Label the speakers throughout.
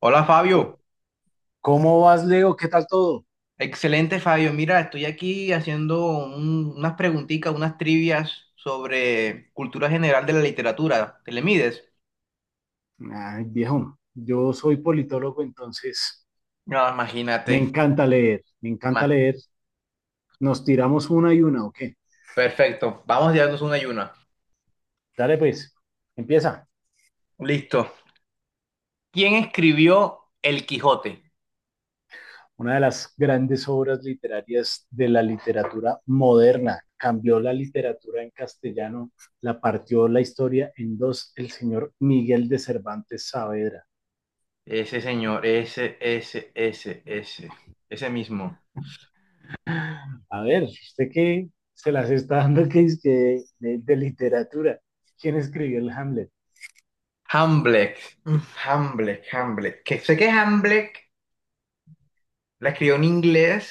Speaker 1: Hola
Speaker 2: O-
Speaker 1: Fabio,
Speaker 2: ¿Cómo vas, Leo? ¿Qué tal todo?
Speaker 1: excelente Fabio. Mira, estoy aquí haciendo unas preguntitas, unas trivias sobre cultura general de la literatura. ¿Te le mides?
Speaker 2: Ay, viejo, yo soy politólogo, entonces
Speaker 1: No,
Speaker 2: me
Speaker 1: imagínate.
Speaker 2: encanta leer, me encanta
Speaker 1: Más.
Speaker 2: leer. Nos tiramos una y una, ¿o qué?
Speaker 1: Perfecto. Vamos a darnos una y una.
Speaker 2: Dale, pues, empieza.
Speaker 1: Listo. ¿Quién escribió El Quijote?
Speaker 2: Una de las grandes obras literarias de la literatura moderna. Cambió la literatura en castellano, la partió la historia en dos, el señor Miguel de Cervantes Saavedra.
Speaker 1: Ese señor, ese mismo.
Speaker 2: A ver, ¿usted qué se las está dando que es que de literatura? ¿Quién escribió el Hamlet?
Speaker 1: Hamlet. Mm, Hamlet. Que sé que Hamlet la escribió en inglés.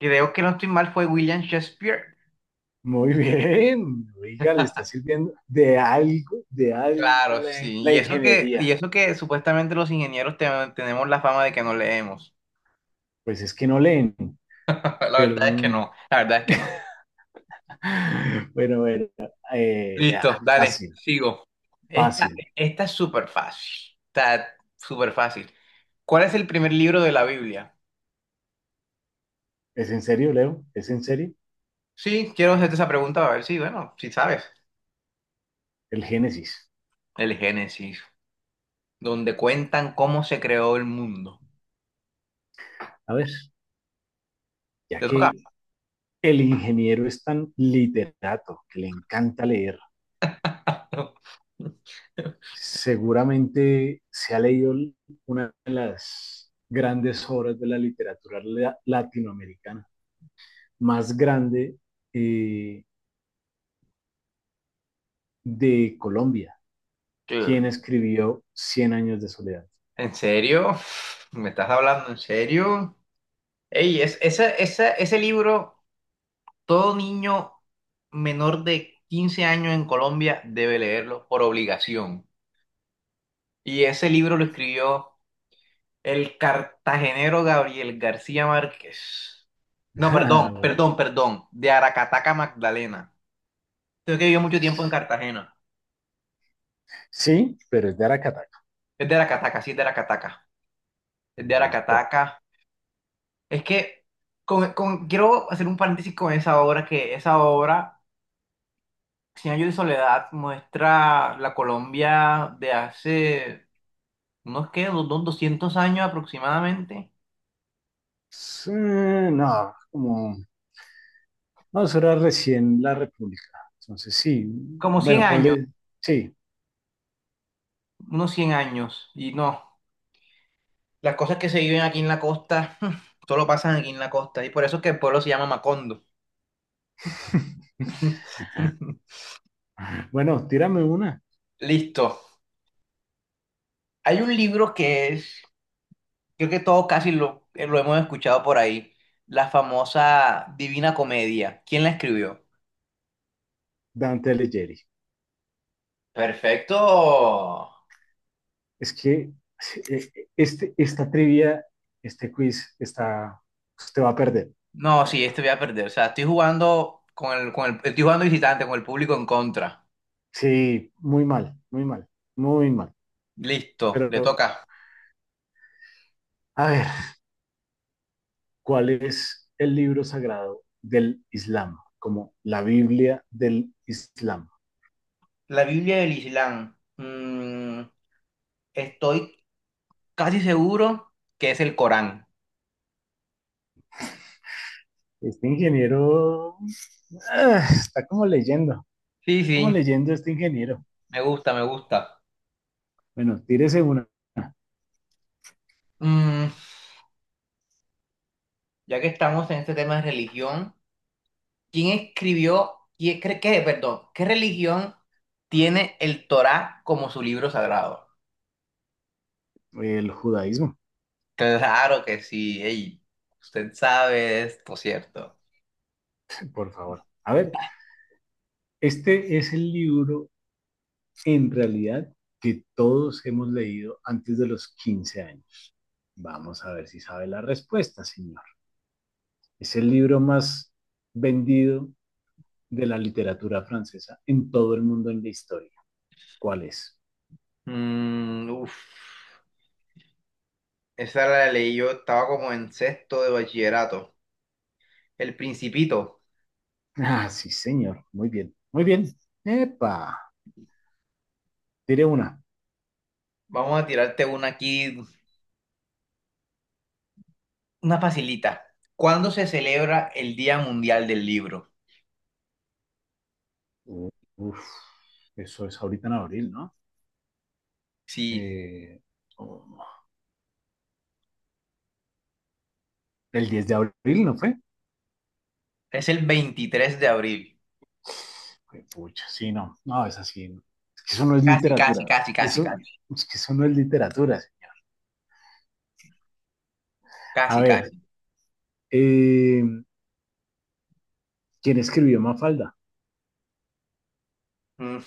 Speaker 1: Creo que no estoy mal, fue William Shakespeare.
Speaker 2: Muy bien, oiga, le está sirviendo de algo
Speaker 1: Claro,
Speaker 2: la,
Speaker 1: sí.
Speaker 2: la
Speaker 1: Y eso que,
Speaker 2: ingeniería.
Speaker 1: y eso que supuestamente los ingenieros tenemos la fama de que no leemos.
Speaker 2: Pues es que no leen,
Speaker 1: La
Speaker 2: pero
Speaker 1: verdad es que no, la verdad es que no.
Speaker 2: bueno, bueno,
Speaker 1: Listo, dale,
Speaker 2: fácil,
Speaker 1: sigo. Esta,
Speaker 2: fácil.
Speaker 1: esta es súper fácil. Está súper fácil. ¿Cuál es el primer libro de la Biblia?
Speaker 2: ¿Es en serio, Leo? ¿Es en serio?
Speaker 1: Sí, quiero hacerte esa pregunta a ver si, bueno, si sabes.
Speaker 2: El Génesis.
Speaker 1: El Génesis, donde cuentan cómo se creó el mundo.
Speaker 2: A ver, ya
Speaker 1: ¿Te toca?
Speaker 2: que el ingeniero es tan literato, que le encanta leer, seguramente se ha leído una de las grandes obras de la literatura latinoamericana más grande eh, de Colombia, quien escribió Cien años de soledad.
Speaker 1: ¿En serio? ¿Me estás hablando en serio? Ey, ese libro, todo niño menor de 15 años en Colombia debe leerlo por obligación. Y ese libro lo escribió el cartagenero Gabriel García Márquez. No, perdón,
Speaker 2: Bueno,
Speaker 1: perdón, perdón, de Aracataca, Magdalena. Creo que vivió mucho tiempo en Cartagena.
Speaker 2: sí, pero es de Aracataca.
Speaker 1: Es de Aracataca, sí, es de Aracataca. Es de
Speaker 2: Listo.
Speaker 1: Aracataca. Es que quiero hacer un paréntesis con esa obra, que esa obra Cien años de soledad muestra la Colombia de hace unos 200 años aproximadamente,
Speaker 2: Sí, no, como, no, eso era recién la República. Entonces, sí,
Speaker 1: como cien
Speaker 2: bueno,
Speaker 1: años,
Speaker 2: ponle, sí.
Speaker 1: unos cien años. Y no, las cosas que se viven aquí en la costa, solo pasan aquí en la costa. Y por eso es que el pueblo se llama Macondo.
Speaker 2: Bueno, tírame una.
Speaker 1: Listo. Hay un libro que es, creo que todos casi lo hemos escuchado por ahí, la famosa Divina Comedia. ¿Quién la escribió?
Speaker 2: Dante Alighieri.
Speaker 1: Perfecto.
Speaker 2: Es que esta trivia, este quiz, está, usted va a perder.
Speaker 1: No, sí,
Speaker 2: Eh,
Speaker 1: este voy a perder. O sea, estoy jugando visitante, con el público en contra.
Speaker 2: Sí, muy mal, muy mal, muy mal.
Speaker 1: Listo, le
Speaker 2: Pero,
Speaker 1: toca.
Speaker 2: a ver, ¿cuál es el libro sagrado del Islam? Como la Biblia del Islam.
Speaker 1: La Biblia del Islam. Estoy casi seguro que es el Corán.
Speaker 2: Este ingeniero ah, está como leyendo,
Speaker 1: Sí,
Speaker 2: está como
Speaker 1: sí,
Speaker 2: leyendo este ingeniero.
Speaker 1: me gusta, me gusta.
Speaker 2: Bueno, tírese una,
Speaker 1: Mm, ya que estamos en este tema de religión, ¿quién escribió, perdón, ¿qué religión tiene el Torá como su libro sagrado?
Speaker 2: el judaísmo,
Speaker 1: Claro que sí, ey, usted sabe esto, ¿cierto?
Speaker 2: por favor. A ver, este es el libro en realidad que todos hemos leído antes de los 15 años. Vamos a ver si sabe la respuesta, señor. Es el libro más vendido de la literatura francesa en todo el mundo en la historia. ¿Cuál es?
Speaker 1: Mm, uf. Esa la leí yo, estaba como en sexto de bachillerato. El Principito.
Speaker 2: Ah, sí, señor. Muy bien, muy bien. Epa, tiré una.
Speaker 1: Vamos a tirarte una aquí, una facilita. ¿Cuándo se celebra el Día Mundial del Libro?
Speaker 2: Uf, eso es ahorita en abril, ¿no?
Speaker 1: Sí,
Speaker 2: Eh, oh, el 10 de abril, ¿no fue?
Speaker 1: es el veintitrés de abril.
Speaker 2: Fue. Pucha, sí, no. No, es así. No. Es que eso no es
Speaker 1: Casi, casi,
Speaker 2: literatura.
Speaker 1: casi, casi,
Speaker 2: Eso,
Speaker 1: casi.
Speaker 2: es que eso no es literatura. A
Speaker 1: Casi,
Speaker 2: ver,
Speaker 1: casi.
Speaker 2: eh, ¿quién escribió Mafalda?
Speaker 1: Mm,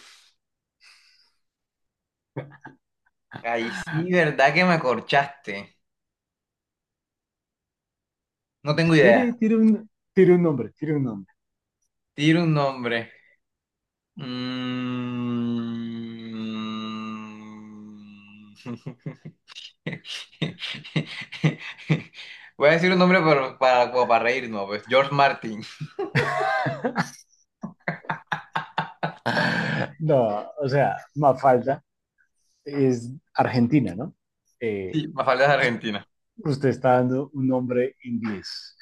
Speaker 1: ahí sí, ¿verdad que me corchaste? No tengo idea.
Speaker 2: Tire un nombre, tire un nombre.
Speaker 1: Tira un nombre. Mm. Voy a decir un nombre como para reírnos, pues. George Martin.
Speaker 2: No, o sea, Mafalda es Argentina, ¿no? Eh,
Speaker 1: Sí, Mafalda es argentina.
Speaker 2: usted está dando un nombre inglés.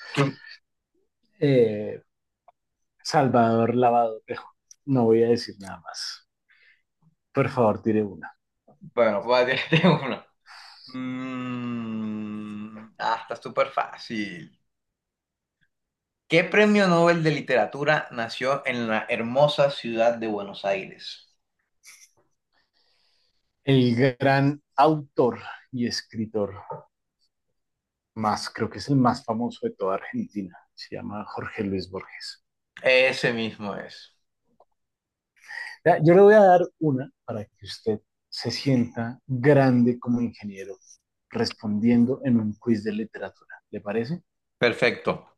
Speaker 2: Eh, Salvador Lavado Tejo. No voy a decir nada más. Por favor, tire una.
Speaker 1: Bueno, voy a decirte uno. Mm, ah, está súper fácil. ¿Qué premio Nobel de literatura nació en la hermosa ciudad de Buenos Aires?
Speaker 2: El gran autor y escritor más, creo que es el más famoso de toda Argentina, se llama Jorge Luis Borges.
Speaker 1: Ese mismo es.
Speaker 2: Yo le voy a dar una para que usted se sienta grande como ingeniero respondiendo en un quiz de literatura. ¿Le parece?
Speaker 1: Perfecto.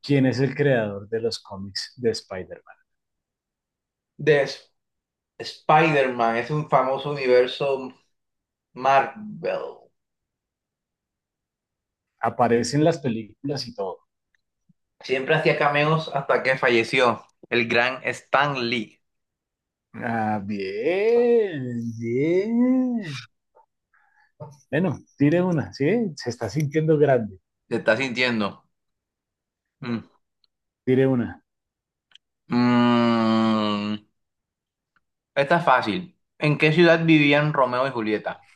Speaker 2: ¿Quién es el creador de los cómics de Spider-Man?
Speaker 1: De Sp- Spider-Man es un famoso universo Marvel.
Speaker 2: Aparece en las películas y todo.
Speaker 1: Siempre hacía cameos hasta que falleció el gran Stan Lee.
Speaker 2: Ah, bien, bien. Bueno, tire una, ¿sí? Se está sintiendo grande.
Speaker 1: Se está sintiendo. Mm.
Speaker 2: Tire una.
Speaker 1: Mm, esta es fácil. ¿En qué ciudad vivían Romeo y Julieta?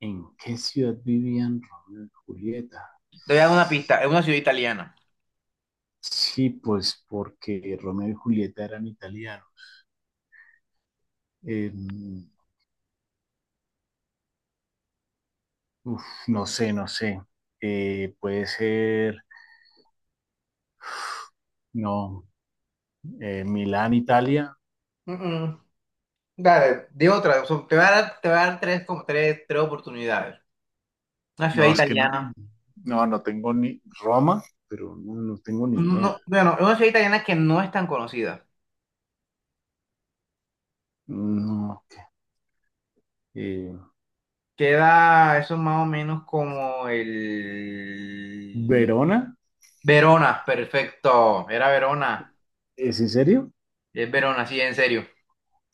Speaker 2: ¿En qué ciudad vivían Romeo y Julieta?
Speaker 1: Te voy a dar una pista. Es una ciudad italiana.
Speaker 2: Sí, pues porque Romeo y Julieta eran italianos. Eh, uf, no sé, no sé. Puede ser, no, Milán, Italia.
Speaker 1: Mm, mm. Dale, di otra. O sea, te voy a dar tres, tres oportunidades. Una ciudad
Speaker 2: No, es que no,
Speaker 1: italiana.
Speaker 2: no tengo ni Roma, pero no, no tengo ni
Speaker 1: No, no,
Speaker 2: idea.
Speaker 1: bueno, es una ciudad italiana que no es tan conocida.
Speaker 2: No, ok. Eh,
Speaker 1: Queda eso más o menos como el...
Speaker 2: Verona,
Speaker 1: Verona, perfecto. Era Verona.
Speaker 2: ¿es en serio?
Speaker 1: Es Verón, así en serio.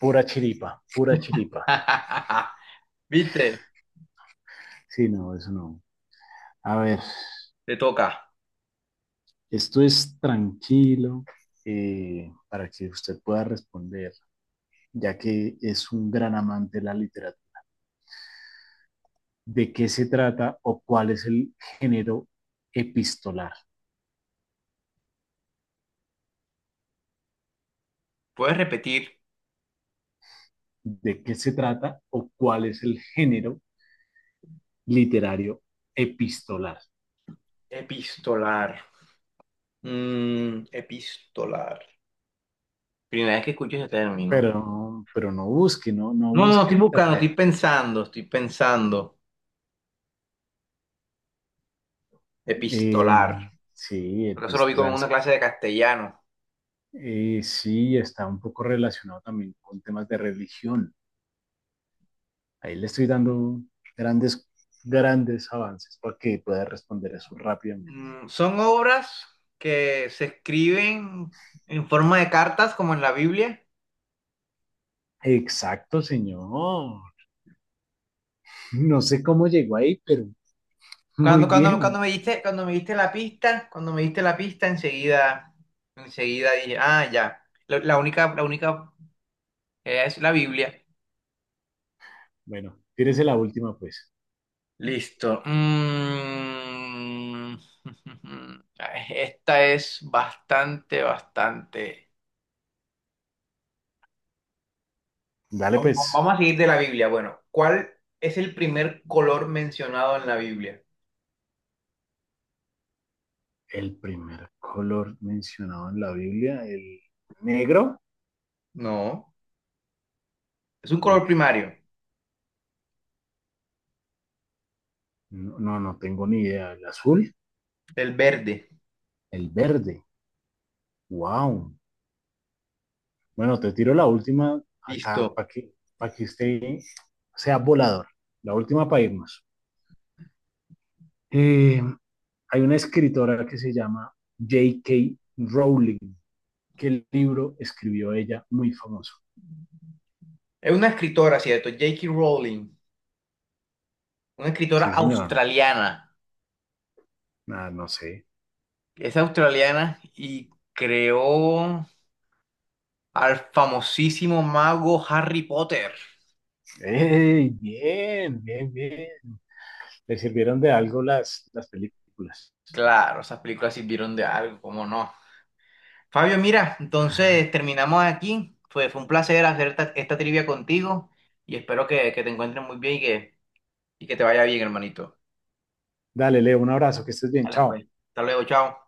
Speaker 2: Pura chiripa, pura chiripa.
Speaker 1: ¿Viste?
Speaker 2: Sí, no, eso no. A ver,
Speaker 1: Te toca.
Speaker 2: esto es tranquilo para que usted pueda responder, ya que es un gran amante de la literatura. ¿De qué se trata o cuál es el género epistolar?
Speaker 1: ¿Puedes repetir?
Speaker 2: ¿De qué se trata o cuál es el género literario epistolar?
Speaker 1: Epistolar. Mm, epistolar. Primera vez que escucho ese término.
Speaker 2: Pero no busque, no, no
Speaker 1: No, no, no,
Speaker 2: busque
Speaker 1: estoy
Speaker 2: en
Speaker 1: buscando,
Speaker 2: internet.
Speaker 1: estoy pensando, estoy pensando.
Speaker 2: Eh,
Speaker 1: Epistolar.
Speaker 2: sí,
Speaker 1: Porque eso lo vi como
Speaker 2: epistolar.
Speaker 1: en una clase de castellano.
Speaker 2: Sí, está un poco relacionado también con temas de religión. Ahí le estoy dando grandes, grandes avances para que pueda responder eso rápidamente.
Speaker 1: Mm, son obras que se escriben en forma de cartas, como en la Biblia.
Speaker 2: Exacto, señor. No sé cómo llegó ahí, pero muy
Speaker 1: Cuando
Speaker 2: bien.
Speaker 1: me diste, cuando me diste la pista, enseguida, enseguida dije, ah, ya. La única es la Biblia.
Speaker 2: Bueno, tírese la última, pues.
Speaker 1: Listo. Mm. Ay, esta es bastante, bastante.
Speaker 2: Dale, pues.
Speaker 1: Vamos a seguir de la Biblia. Bueno, ¿cuál es el primer color mencionado en la Biblia?
Speaker 2: El primer color mencionado en la Biblia, el negro.
Speaker 1: No, es un color
Speaker 2: Uy,
Speaker 1: primario,
Speaker 2: no, no tengo ni idea. El azul,
Speaker 1: el verde.
Speaker 2: el verde. Wow. Bueno, te tiro la última acá
Speaker 1: Listo.
Speaker 2: para que usted sea volador. La última para irnos. Eh, hay una escritora que se llama J.K. Rowling. ¿Qué libro escribió ella muy famoso?
Speaker 1: Es una escritora, ¿cierto? J.K. Rowling. Una escritora
Speaker 2: Sí, señor.
Speaker 1: australiana.
Speaker 2: Ah, no sé.
Speaker 1: Es australiana y creó al famosísimo mago Harry Potter.
Speaker 2: ¡Ey! Bien, bien, bien. Le sirvieron de algo las películas.
Speaker 1: Claro, esas películas sirvieron de algo, ¿cómo no? Fabio, mira, entonces terminamos aquí. Fue un placer hacer esta trivia contigo y espero que te encuentres muy bien y que te vaya bien, hermanito.
Speaker 2: Dale, Leo, un abrazo, que estés bien,
Speaker 1: Dale,
Speaker 2: chao.
Speaker 1: pues. Hasta luego, chao.